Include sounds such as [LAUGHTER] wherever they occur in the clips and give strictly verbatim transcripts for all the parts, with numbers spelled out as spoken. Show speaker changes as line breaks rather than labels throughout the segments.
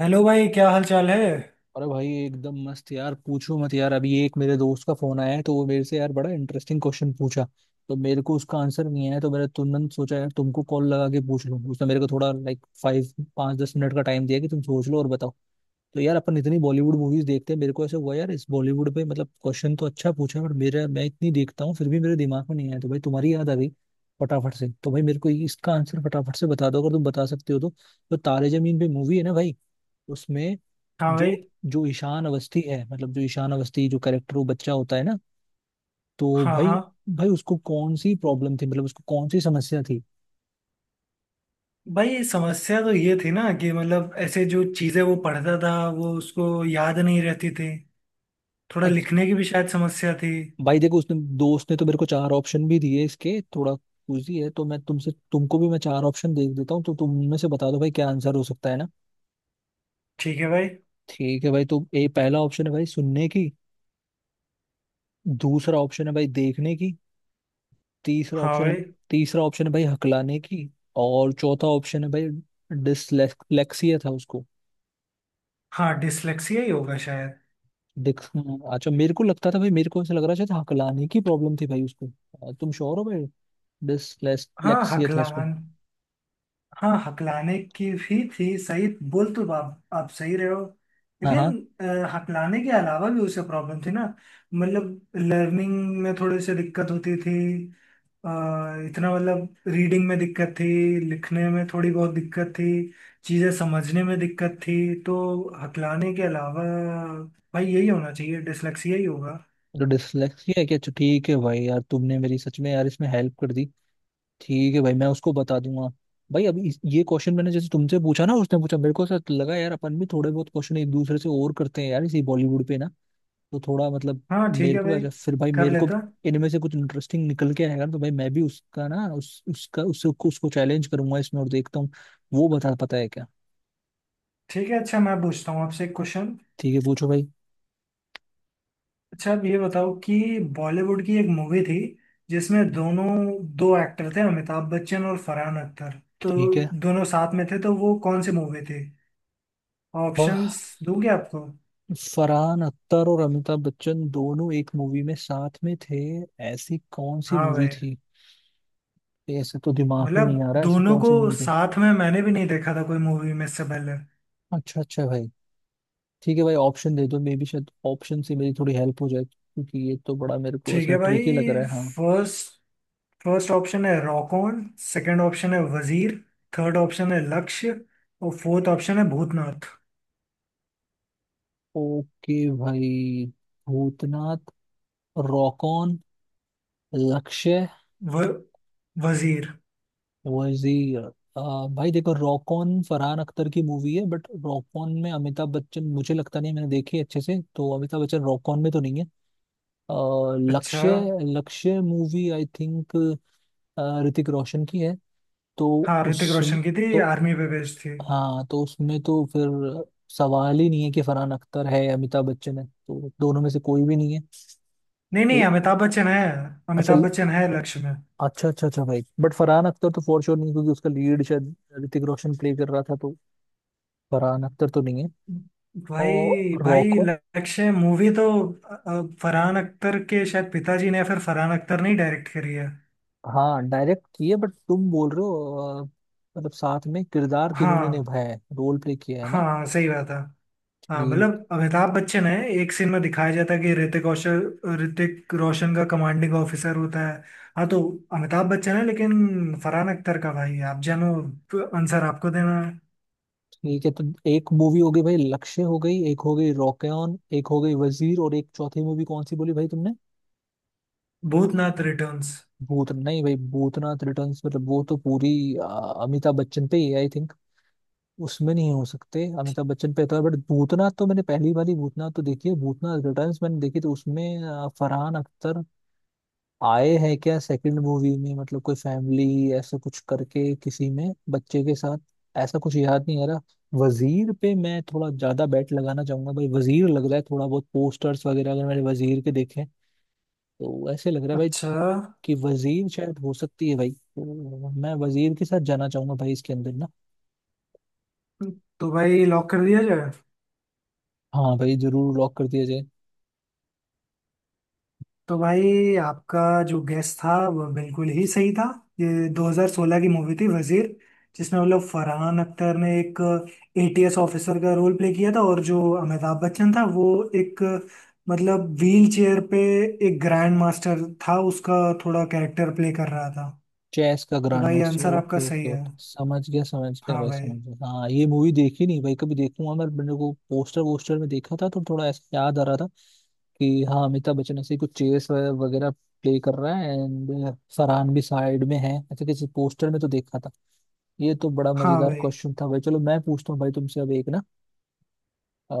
Hello भाई, क्या हाल चाल है।
अरे भाई, एकदम मस्त यार। पूछो मत यार, अभी एक मेरे दोस्त का फोन आया है तो वो मेरे से यार बड़ा इंटरेस्टिंग क्वेश्चन पूछा। तो मेरे को उसका आंसर नहीं आया, तो मैंने तुरंत सोचा यार तुमको कॉल लगा के पूछ लूं। उसने मेरे को थोड़ा लाइक फाइव पाँच दस मिनट का टाइम दिया कि तुम सोच लो और बताओ। तो यार अपन इतनी बॉलीवुड मूवीज देखते हैं, मेरे को ऐसे हुआ यार इस बॉलीवुड पे, मतलब क्वेश्चन तो अच्छा पूछा बट मेरा मैं इतनी देखता हूँ फिर भी मेरे दिमाग में नहीं आया, तो भाई तुम्हारी याद आ गई फटाफट से। तो भाई मेरे को इसका आंसर फटाफट से बता दो अगर तुम बता सकते हो तो। तो तारे जमीन पे मूवी है ना भाई, उसमें
हाँ भाई।
जो जो ईशान अवस्थी है, मतलब जो ईशान अवस्थी जो करेक्टर, वो बच्चा होता है ना। तो
हाँ
भाई,
हाँ।
भाई उसको कौन सी प्रॉब्लम थी, मतलब उसको कौन सी समस्या थी।
भाई समस्या तो ये थी ना कि मतलब ऐसे जो चीज़ें वो पढ़ता था वो उसको याद नहीं रहती थी। थोड़ा
अ-
लिखने की भी शायद समस्या थी।
भाई देखो उसने, दोस्त ने तो मेरे को चार ऑप्शन भी दिए इसके, थोड़ा कुजी है तो मैं तुमसे, तुमको भी मैं चार ऑप्शन दे देता हूँ, तो तुम उनमें से बता दो भाई क्या आंसर हो सकता है ना।
ठीक है भाई।
ठीक है भाई, तो ए, पहला ऑप्शन है भाई सुनने की। दूसरा ऑप्शन है भाई देखने की। तीसरा
हाँ
ऑप्शन,
भाई।
तीसरा ऑप्शन है भाई हकलाने की। और चौथा ऑप्शन है भाई, डिसलेक्सिया था उसको।
हाँ डिसलेक्सिया ही होगा शायद।
देख हाँ, अच्छा, मेरे को लगता था भाई, मेरे को ऐसा लग रहा शायद हकलाने की प्रॉब्लम थी भाई उसको। अ, तुम श्योर हो भाई
हाँ
डिसलेक्सिया था उसको?
हकलान हाँ हकलाने की भी थी। सही बोल तो आप, आप सही रहे हो।
हाँ हाँ।
लेकिन अ, हकलाने के अलावा भी उसे प्रॉब्लम थी ना। मतलब लर्निंग में थोड़ी सी दिक्कत होती थी। अ, इतना मतलब रीडिंग में दिक्कत थी। लिखने में थोड़ी बहुत दिक्कत थी। चीज़ें समझने में दिक्कत थी। तो हकलाने के अलावा भाई यही होना चाहिए, डिसलेक्सिया ही होगा।
तो डिसलेक्सिया है क्या? अच्छा ठीक है भाई, यार तुमने मेरी सच में यार इसमें हेल्प कर दी। ठीक है भाई मैं उसको बता दूंगा। भाई अभी इस- ये क्वेश्चन मैंने जैसे तुमसे पूछा ना उसने पूछा मेरे को, ऐसा लगा यार अपन भी थोड़े बहुत क्वेश्चन एक दूसरे से और करते हैं यार इसी बॉलीवुड पे ना। तो थोड़ा मतलब
हाँ ठीक
मेरे
है
को भी
भाई।
अच्छा, फिर भाई
कर
मेरे को भी
लेता।
इनमें से कुछ इंटरेस्टिंग निकल के आएगा ना, तो भाई मैं भी उसका ना उस उसका उससे उसको चैलेंज करूंगा इसमें और देखता हूँ वो बता पाता है क्या।
ठीक है, अच्छा मैं पूछता हूँ आपसे एक क्वेश्चन।
ठीक है पूछो भाई।
अच्छा आप ये बताओ कि बॉलीवुड की एक मूवी थी जिसमें दोनों, दो एक्टर थे, अमिताभ बच्चन और फरहान अख्तर। तो
ठीक है।
दोनों साथ में थे, तो वो कौन सी मूवी थी।
और
ऑप्शंस दूंगे आपको।
फरहान अख्तर और अमिताभ बच्चन दोनों एक मूवी में साथ में थे, ऐसी कौन सी
हाँ
मूवी
भाई।
थी? ऐसे तो दिमाग में नहीं आ
मतलब
रहा, ऐसी
दोनों
कौन
को
सी मूवी थी।
साथ में मैंने भी नहीं देखा था कोई मूवी में इससे पहले।
अच्छा अच्छा भाई। ठीक है भाई ऑप्शन दे दो, मे बी शायद ऑप्शन से मेरी थोड़ी हेल्प हो जाए क्योंकि ये तो बड़ा मेरे को
ठीक
ऐसा
है भाई।
ट्रिकी लग रहा है हाँ।
फर्स्ट फर्स्ट ऑप्शन है रॉकॉन। सेकंड ऑप्शन है वजीर। थर्ड ऑप्शन है लक्ष्य। और फोर्थ ऑप्शन है भूतनाथ।
ओके भाई, भूतनाथ, रॉकॉन, लक्ष्य,
व वजीर।
वजीर। आ, भाई देखो रॉकॉन फरहान अख्तर की मूवी है बट रॉकॉन में अमिताभ बच्चन, मुझे लगता नहीं मैंने देखी है अच्छे से, तो अमिताभ बच्चन रॉकॉन में तो नहीं है। आ,
अच्छा।
Lakshya, Lakshya movie I think Hrithik Roshan की है। तो
हाँ ऋतिक
उस
रोशन की थी,
तो,
आर्मी पे बेस्ड थी।
हाँ तो उसमें तो फिर सवाल ही नहीं है कि फरहान अख्तर है या अमिताभ बच्चन है, तो दोनों में से कोई भी नहीं है।
नहीं
ए,
नहीं, अमिताभ बच्चन है।
अच्छा
अमिताभ बच्चन है लक्ष्य में।
अच्छा अच्छा अच्छा भाई बट फरहान अख्तर तो फॉर श्योर नहीं, क्योंकि उसका लीड शायद ऋतिक रोशन प्ले कर रहा था, तो फरहान अख्तर तो नहीं है।
भाई
और
भाई
रॉकवन,
लक्ष्य मूवी तो अ, अ, फरहान अख्तर के शायद पिताजी ने या फिर फरहान अख्तर ने ही डायरेक्ट करी है।
हाँ डायरेक्ट किए, बट तुम बोल रहे हो अ, मतलब साथ में किरदार किन्होंने
हाँ
निभाया है, रोल प्ले किया है ना।
हाँ सही बात है। हाँ
ठीक,
मतलब अमिताभ बच्चन है। एक सीन में दिखाया जाता है कि ऋतिक रोशन ऋतिक रोशन का कमांडिंग ऑफिसर होता है। हाँ तो अमिताभ बच्चन है, लेकिन फरहान अख्तर का भाई है। आप जानो, आंसर आपको देना है।
ठीक है, तो एक मूवी हो गई भाई लक्ष्य हो गई, एक हो गई रॉकेन, एक हो गई वजीर, और एक चौथी मूवी कौन सी बोली भाई तुमने?
भूतनाथ रिटर्न्स।
भूत नहीं भाई भूतनाथ रिटर्न्स, मतलब वो तो पूरी अ, अमिताभ बच्चन पे ही आई, उसमें नहीं हो सकते, अमिताभ बच्चन पे तो है बट भूतनाथ, तो मैंने पहली वाली भूतनाथ तो देखी है, भूतनाथ रिटर्न्स मैंने देखी, तो उसमें अ, फरहान अख्तर आए हैं क्या सेकंड मूवी में, मतलब कोई फैमिली ऐसा कुछ करके किसी में बच्चे के साथ, ऐसा कुछ याद नहीं आ रहा। वजीर पे मैं थोड़ा ज्यादा बेट लगाना चाहूंगा भाई, वजीर लग रहा है, थोड़ा बहुत पोस्टर्स वगैरह अगर मैंने वजीर के देखे तो ऐसे लग रहा है भाई
अच्छा
कि वजीर शायद हो सकती है भाई, तो मैं वजीर के साथ जाना चाहूंगा भाई इसके अंदर ना।
तो भाई लॉक कर दिया जाए।
हाँ भाई जरूर लॉक कर दिया जाए।
तो भाई आपका जो गेस था वो बिल्कुल ही सही था। ये दो हज़ार सोलह की मूवी थी वजीर, जिसमें मतलब फरहान अख्तर ने एक एटीएस ऑफिसर का रोल प्ले किया था, और जो अमिताभ बच्चन था वो एक मतलब व्हील चेयर पे एक ग्रैंड मास्टर था, उसका थोड़ा कैरेक्टर प्ले कर रहा था।
चेस का
तो
ग्रैंड
भाई
मास्टर,
आंसर आपका
ओके
सही
ओके
है।
ओके, समझ गया समझ गया
हाँ
भाई समझ
भाई।
गया, हाँ ये मूवी देखी नहीं भाई, कभी देखूंगा मैं, मेरे को पोस्टर वोस्टर में देखा था तो थोड़ा ऐसा याद आ रहा था कि हाँ अमिताभ बच्चन ऐसे ही कुछ चेस वगैरह प्ले कर रहा है एंड फरहान भी साइड में है, ऐसे किसी पोस्टर में तो देखा था। ये तो बड़ा
हाँ
मजेदार
भाई।
क्वेश्चन था भाई, चलो मैं पूछता हूँ भाई तुमसे अब एक ना।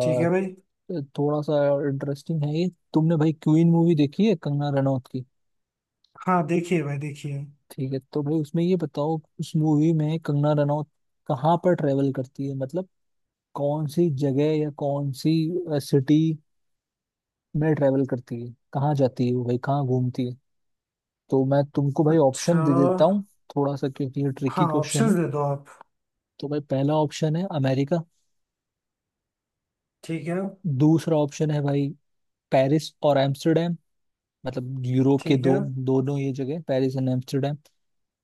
ठीक है भाई।
थोड़ा सा इंटरेस्टिंग है ये। तुमने भाई क्वीन मूवी देखी है कंगना रनौत की?
हाँ देखिए भाई, देखिए।
ठीक है, तो भाई उसमें ये बताओ, उस मूवी में कंगना रनौत कहाँ पर ट्रेवल करती है, मतलब कौन सी जगह या कौन सी सिटी में ट्रेवल करती है, कहाँ जाती है वो भाई, कहाँ घूमती है? तो मैं तुमको भाई
अच्छा।
ऑप्शन दे देता हूँ थोड़ा सा, क्योंकि ये
हाँ
ट्रिकी क्वेश्चन
ऑप्शंस
है।
दे दो आप।
तो भाई पहला ऑप्शन है अमेरिका।
ठीक है।
दूसरा ऑप्शन है भाई पेरिस और एम्स्टर्डम, मतलब यूरोप के
ठीक है।
दो, दोनों ये जगह पेरिस एंड एम्स्टर्डम।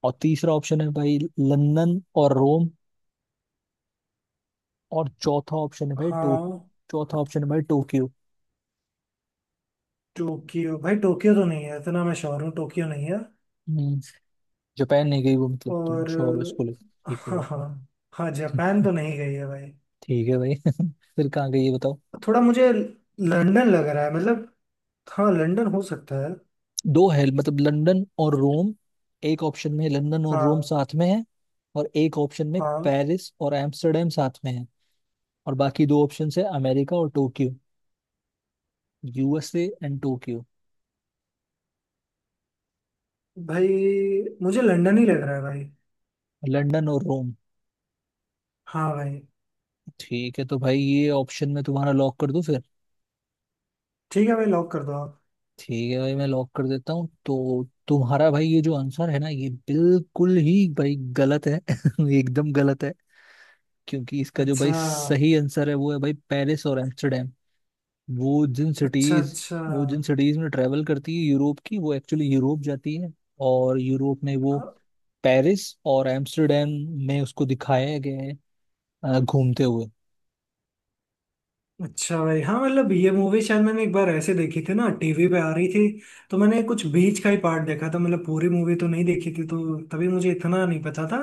और तीसरा ऑप्शन है भाई लंदन और रोम। और चौथा ऑप्शन है भाई टो
हाँ
चौथा ऑप्शन है भाई टोक्यो।
टोक्यो, भाई टोक्यो तो नहीं है, इतना मैं श्योर हूँ, टोक्यो नहीं है।
हम्म, जापान नहीं गई वो, मतलब तुम
और
श्योर हो इसको लेकर? ठीक है
हाँ
भाई।
हाँ। हाँ जापान तो नहीं गई है भाई।
ठीक है भाई [LAUGHS] फिर कहाँ गई ये बताओ?
थोड़ा मुझे लंदन लग रहा है, मतलब हाँ लंदन हो सकता है।
दो है, मतलब लंदन और रोम, एक ऑप्शन में लंदन और रोम
हाँ।
साथ में है, और एक ऑप्शन में
हाँ
पेरिस और एम्स्टर्डम साथ में है, और बाकी दो ऑप्शन है अमेरिका और टोक्यो, यूएसए एंड टोक्यो।
भाई, मुझे लंदन ही लग रहा है भाई।
लंदन और रोम,
हाँ भाई।
ठीक है तो भाई ये ऑप्शन में तुम्हारा लॉक कर दूं फिर?
ठीक है भाई, लॉक कर दो आप।
ठीक है भाई मैं लॉक कर देता हूँ। तो तुम्हारा भाई ये जो आंसर है ना ये बिल्कुल ही भाई गलत है [LAUGHS] एकदम गलत है, क्योंकि इसका जो भाई
अच्छा
सही आंसर है वो है भाई पेरिस और एम्स्टर्डम। वो जिन
अच्छा
सिटीज
अच्छा।
वो जिन सिटीज में ट्रेवल करती है यूरोप की, वो एक्चुअली यूरोप जाती है, और यूरोप में वो
हाँ,
पेरिस और एम्स्टर्डम में उसको दिखाया गया है अ, घूमते हुए।
अच्छा भाई, हाँ मतलब ये मूवी शायद मैंने एक बार ऐसे देखी थी ना, टीवी पे आ रही थी। तो मैंने कुछ बीच का ही पार्ट देखा था, मतलब पूरी मूवी तो नहीं देखी थी, तो तभी मुझे इतना नहीं पता था।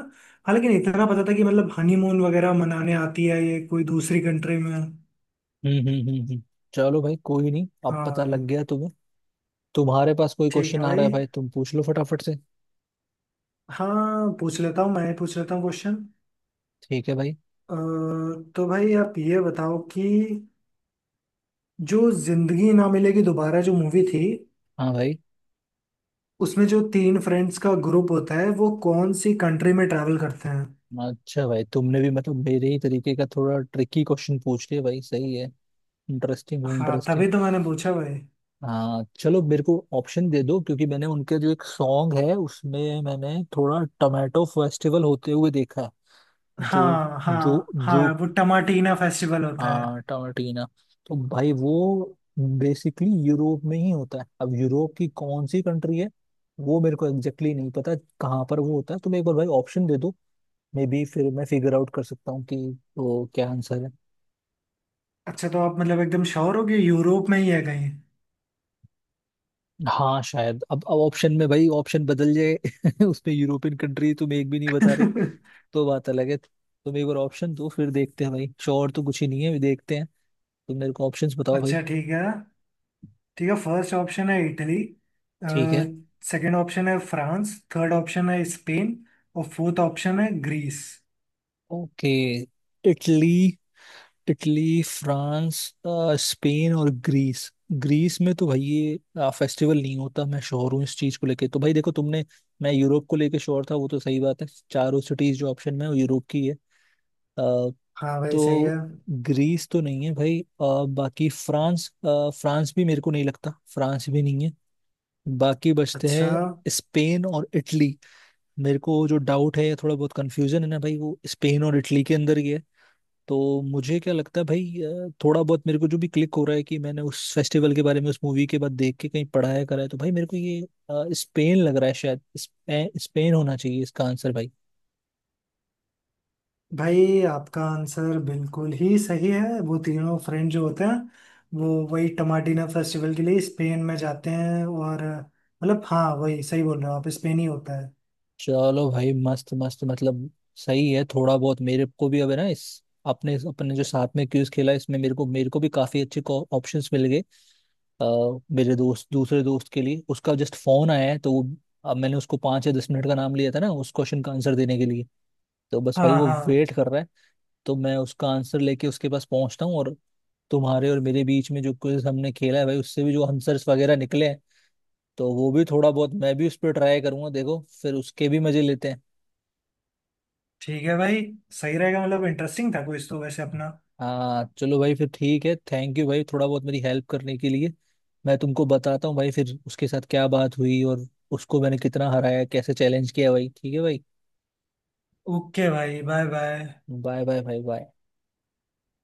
हालांकि इतना पता था कि मतलब हनीमून वगैरह मनाने आती है ये कोई दूसरी कंट्री में।
हम्म हम्म हम्म हम्म। चलो भाई कोई नहीं, अब पता लग
हाँ।
गया तुम्हें। तुम्हारे पास कोई
ठीक है
क्वेश्चन आ रहा
भाई।
है भाई तुम पूछ लो फटाफट से।
हाँ पूछ लेता हूँ, मैं ही पूछ लेता हूँ क्वेश्चन।
ठीक है भाई।
तो भाई आप ये बताओ कि जो जिंदगी ना मिलेगी दोबारा जो मूवी थी,
हाँ भाई।
उसमें जो तीन फ्रेंड्स का ग्रुप होता है वो कौन सी कंट्री में ट्रैवल करते हैं।
अच्छा भाई तुमने भी मतलब मेरे ही तरीके का थोड़ा ट्रिकी क्वेश्चन पूछ लिया भाई, सही है, इंटरेस्टिंग भाई,
हाँ
इंटरेस्टिंग।
तभी तो मैंने पूछा भाई।
हाँ चलो मेरे को ऑप्शन दे दो, क्योंकि मैंने उनके जो एक सॉन्ग है उसमें मैंने थोड़ा टमाटो फेस्टिवल होते हुए देखा जो
हाँ
जो
हाँ
जो
हाँ, वो टमाटीना फेस्टिवल होता है।
हाँ टमाटीना। तो भाई वो बेसिकली यूरोप में ही होता है, अब यूरोप की कौन सी कंट्री है वो मेरे को एग्जैक्टली exactly नहीं पता कहाँ पर वो होता है। तुम एक बार भाई ऑप्शन दे दो, मे बी फिर मैं फिगर आउट कर सकता हूँ कि वो क्या आंसर है।
अच्छा तो आप मतलब एकदम श्योर हो कि यूरोप में ही है कहीं।
हाँ शायद अब अब ऑप्शन में भाई ऑप्शन बदल जाए [LAUGHS] उसमें यूरोपियन कंट्री तुम एक भी नहीं बता रहे
[LAUGHS]
तो बात अलग है। तुम एक बार ऑप्शन दो फिर देखते हैं भाई, श्योर तो कुछ ही नहीं है, अभी देखते हैं। तुम मेरे को ऑप्शंस बताओ भाई।
अच्छा ठीक है। ठीक है, फर्स्ट ऑप्शन है इटली।
ठीक है।
सेकंड ऑप्शन है फ्रांस। थर्ड ऑप्शन है स्पेन। और फोर्थ ऑप्शन है Greece.
Okay, Italy, Italy France, अ, स्पेन और ग्रीस। ग्रीस में तो भाई ये अ, फेस्टिवल नहीं होता, मैं श्योर हूँ इस चीज को लेके, तो भाई देखो तुमने, मैं यूरोप को लेके श्योर था, वो तो सही बात है, चारों सिटीज जो ऑप्शन में है, वो यूरोप की है। अ,
हाँ भाई सही है।
तो ग्रीस तो नहीं है भाई, अ, बाकी फ्रांस, अ, फ्रांस भी मेरे को नहीं लगता, फ्रांस भी नहीं है। बाकी बचते
अच्छा।
हैं स्पेन और इटली। मेरे को जो डाउट है या थोड़ा बहुत कंफ्यूजन है ना भाई, वो स्पेन और इटली के अंदर ही है। तो मुझे क्या लगता है भाई, अ, थोड़ा बहुत मेरे को जो भी क्लिक हो रहा है कि मैंने उस फेस्टिवल के बारे में उस मूवी के बाद देख के कहीं पढ़ाया करा है, तो भाई मेरे को ये अ, स्पेन लग रहा है, शायद स्पेन, स्पेन होना चाहिए इसका आंसर भाई।
भाई आपका आंसर बिल्कुल ही सही है, वो तीनों फ्रेंड जो होते हैं वो वही टमाटिना फेस्टिवल के लिए स्पेन में जाते हैं। और मतलब हाँ, वही सही बोल रहे हो आप, स्पेन ही होता है।
चलो भाई मस्त मस्त, मतलब सही है थोड़ा बहुत मेरे को भी अब है ना इस आपने अपने जो साथ में क्यूज खेला इसमें, मेरे को मेरे को भी काफी अच्छे ऑप्शंस मिल गए। अ, मेरे दोस्त दूसरे दोस्त के लिए उसका जस्ट फोन आया है तो वो, अब मैंने उसको पाँच या दस मिनट का नाम लिया था ना उस क्वेश्चन का आंसर देने के लिए, तो बस भाई
हाँ
वो
हाँ।
वेट कर रहा है, तो मैं उसका आंसर लेके उसके पास पहुंचता हूँ, और तुम्हारे और मेरे बीच में जो क्विज हमने खेला है भाई उससे भी जो आंसर्स वगैरह निकले हैं, तो वो भी थोड़ा बहुत मैं भी उस पर ट्राई करूंगा देखो, फिर उसके भी मजे लेते हैं।
ठीक है भाई। सही रहेगा, मतलब इंटरेस्टिंग था कुछ तो वैसे अपना।
हाँ चलो भाई फिर ठीक है, थैंक यू भाई थोड़ा बहुत मेरी हेल्प करने के लिए। मैं तुमको बताता हूँ भाई फिर उसके साथ क्या बात हुई और उसको मैंने कितना हराया, कैसे चैलेंज किया भाई, ठीक है भाई।
ओके भाई, बाय बाय।
बाय बाय भाई बाय।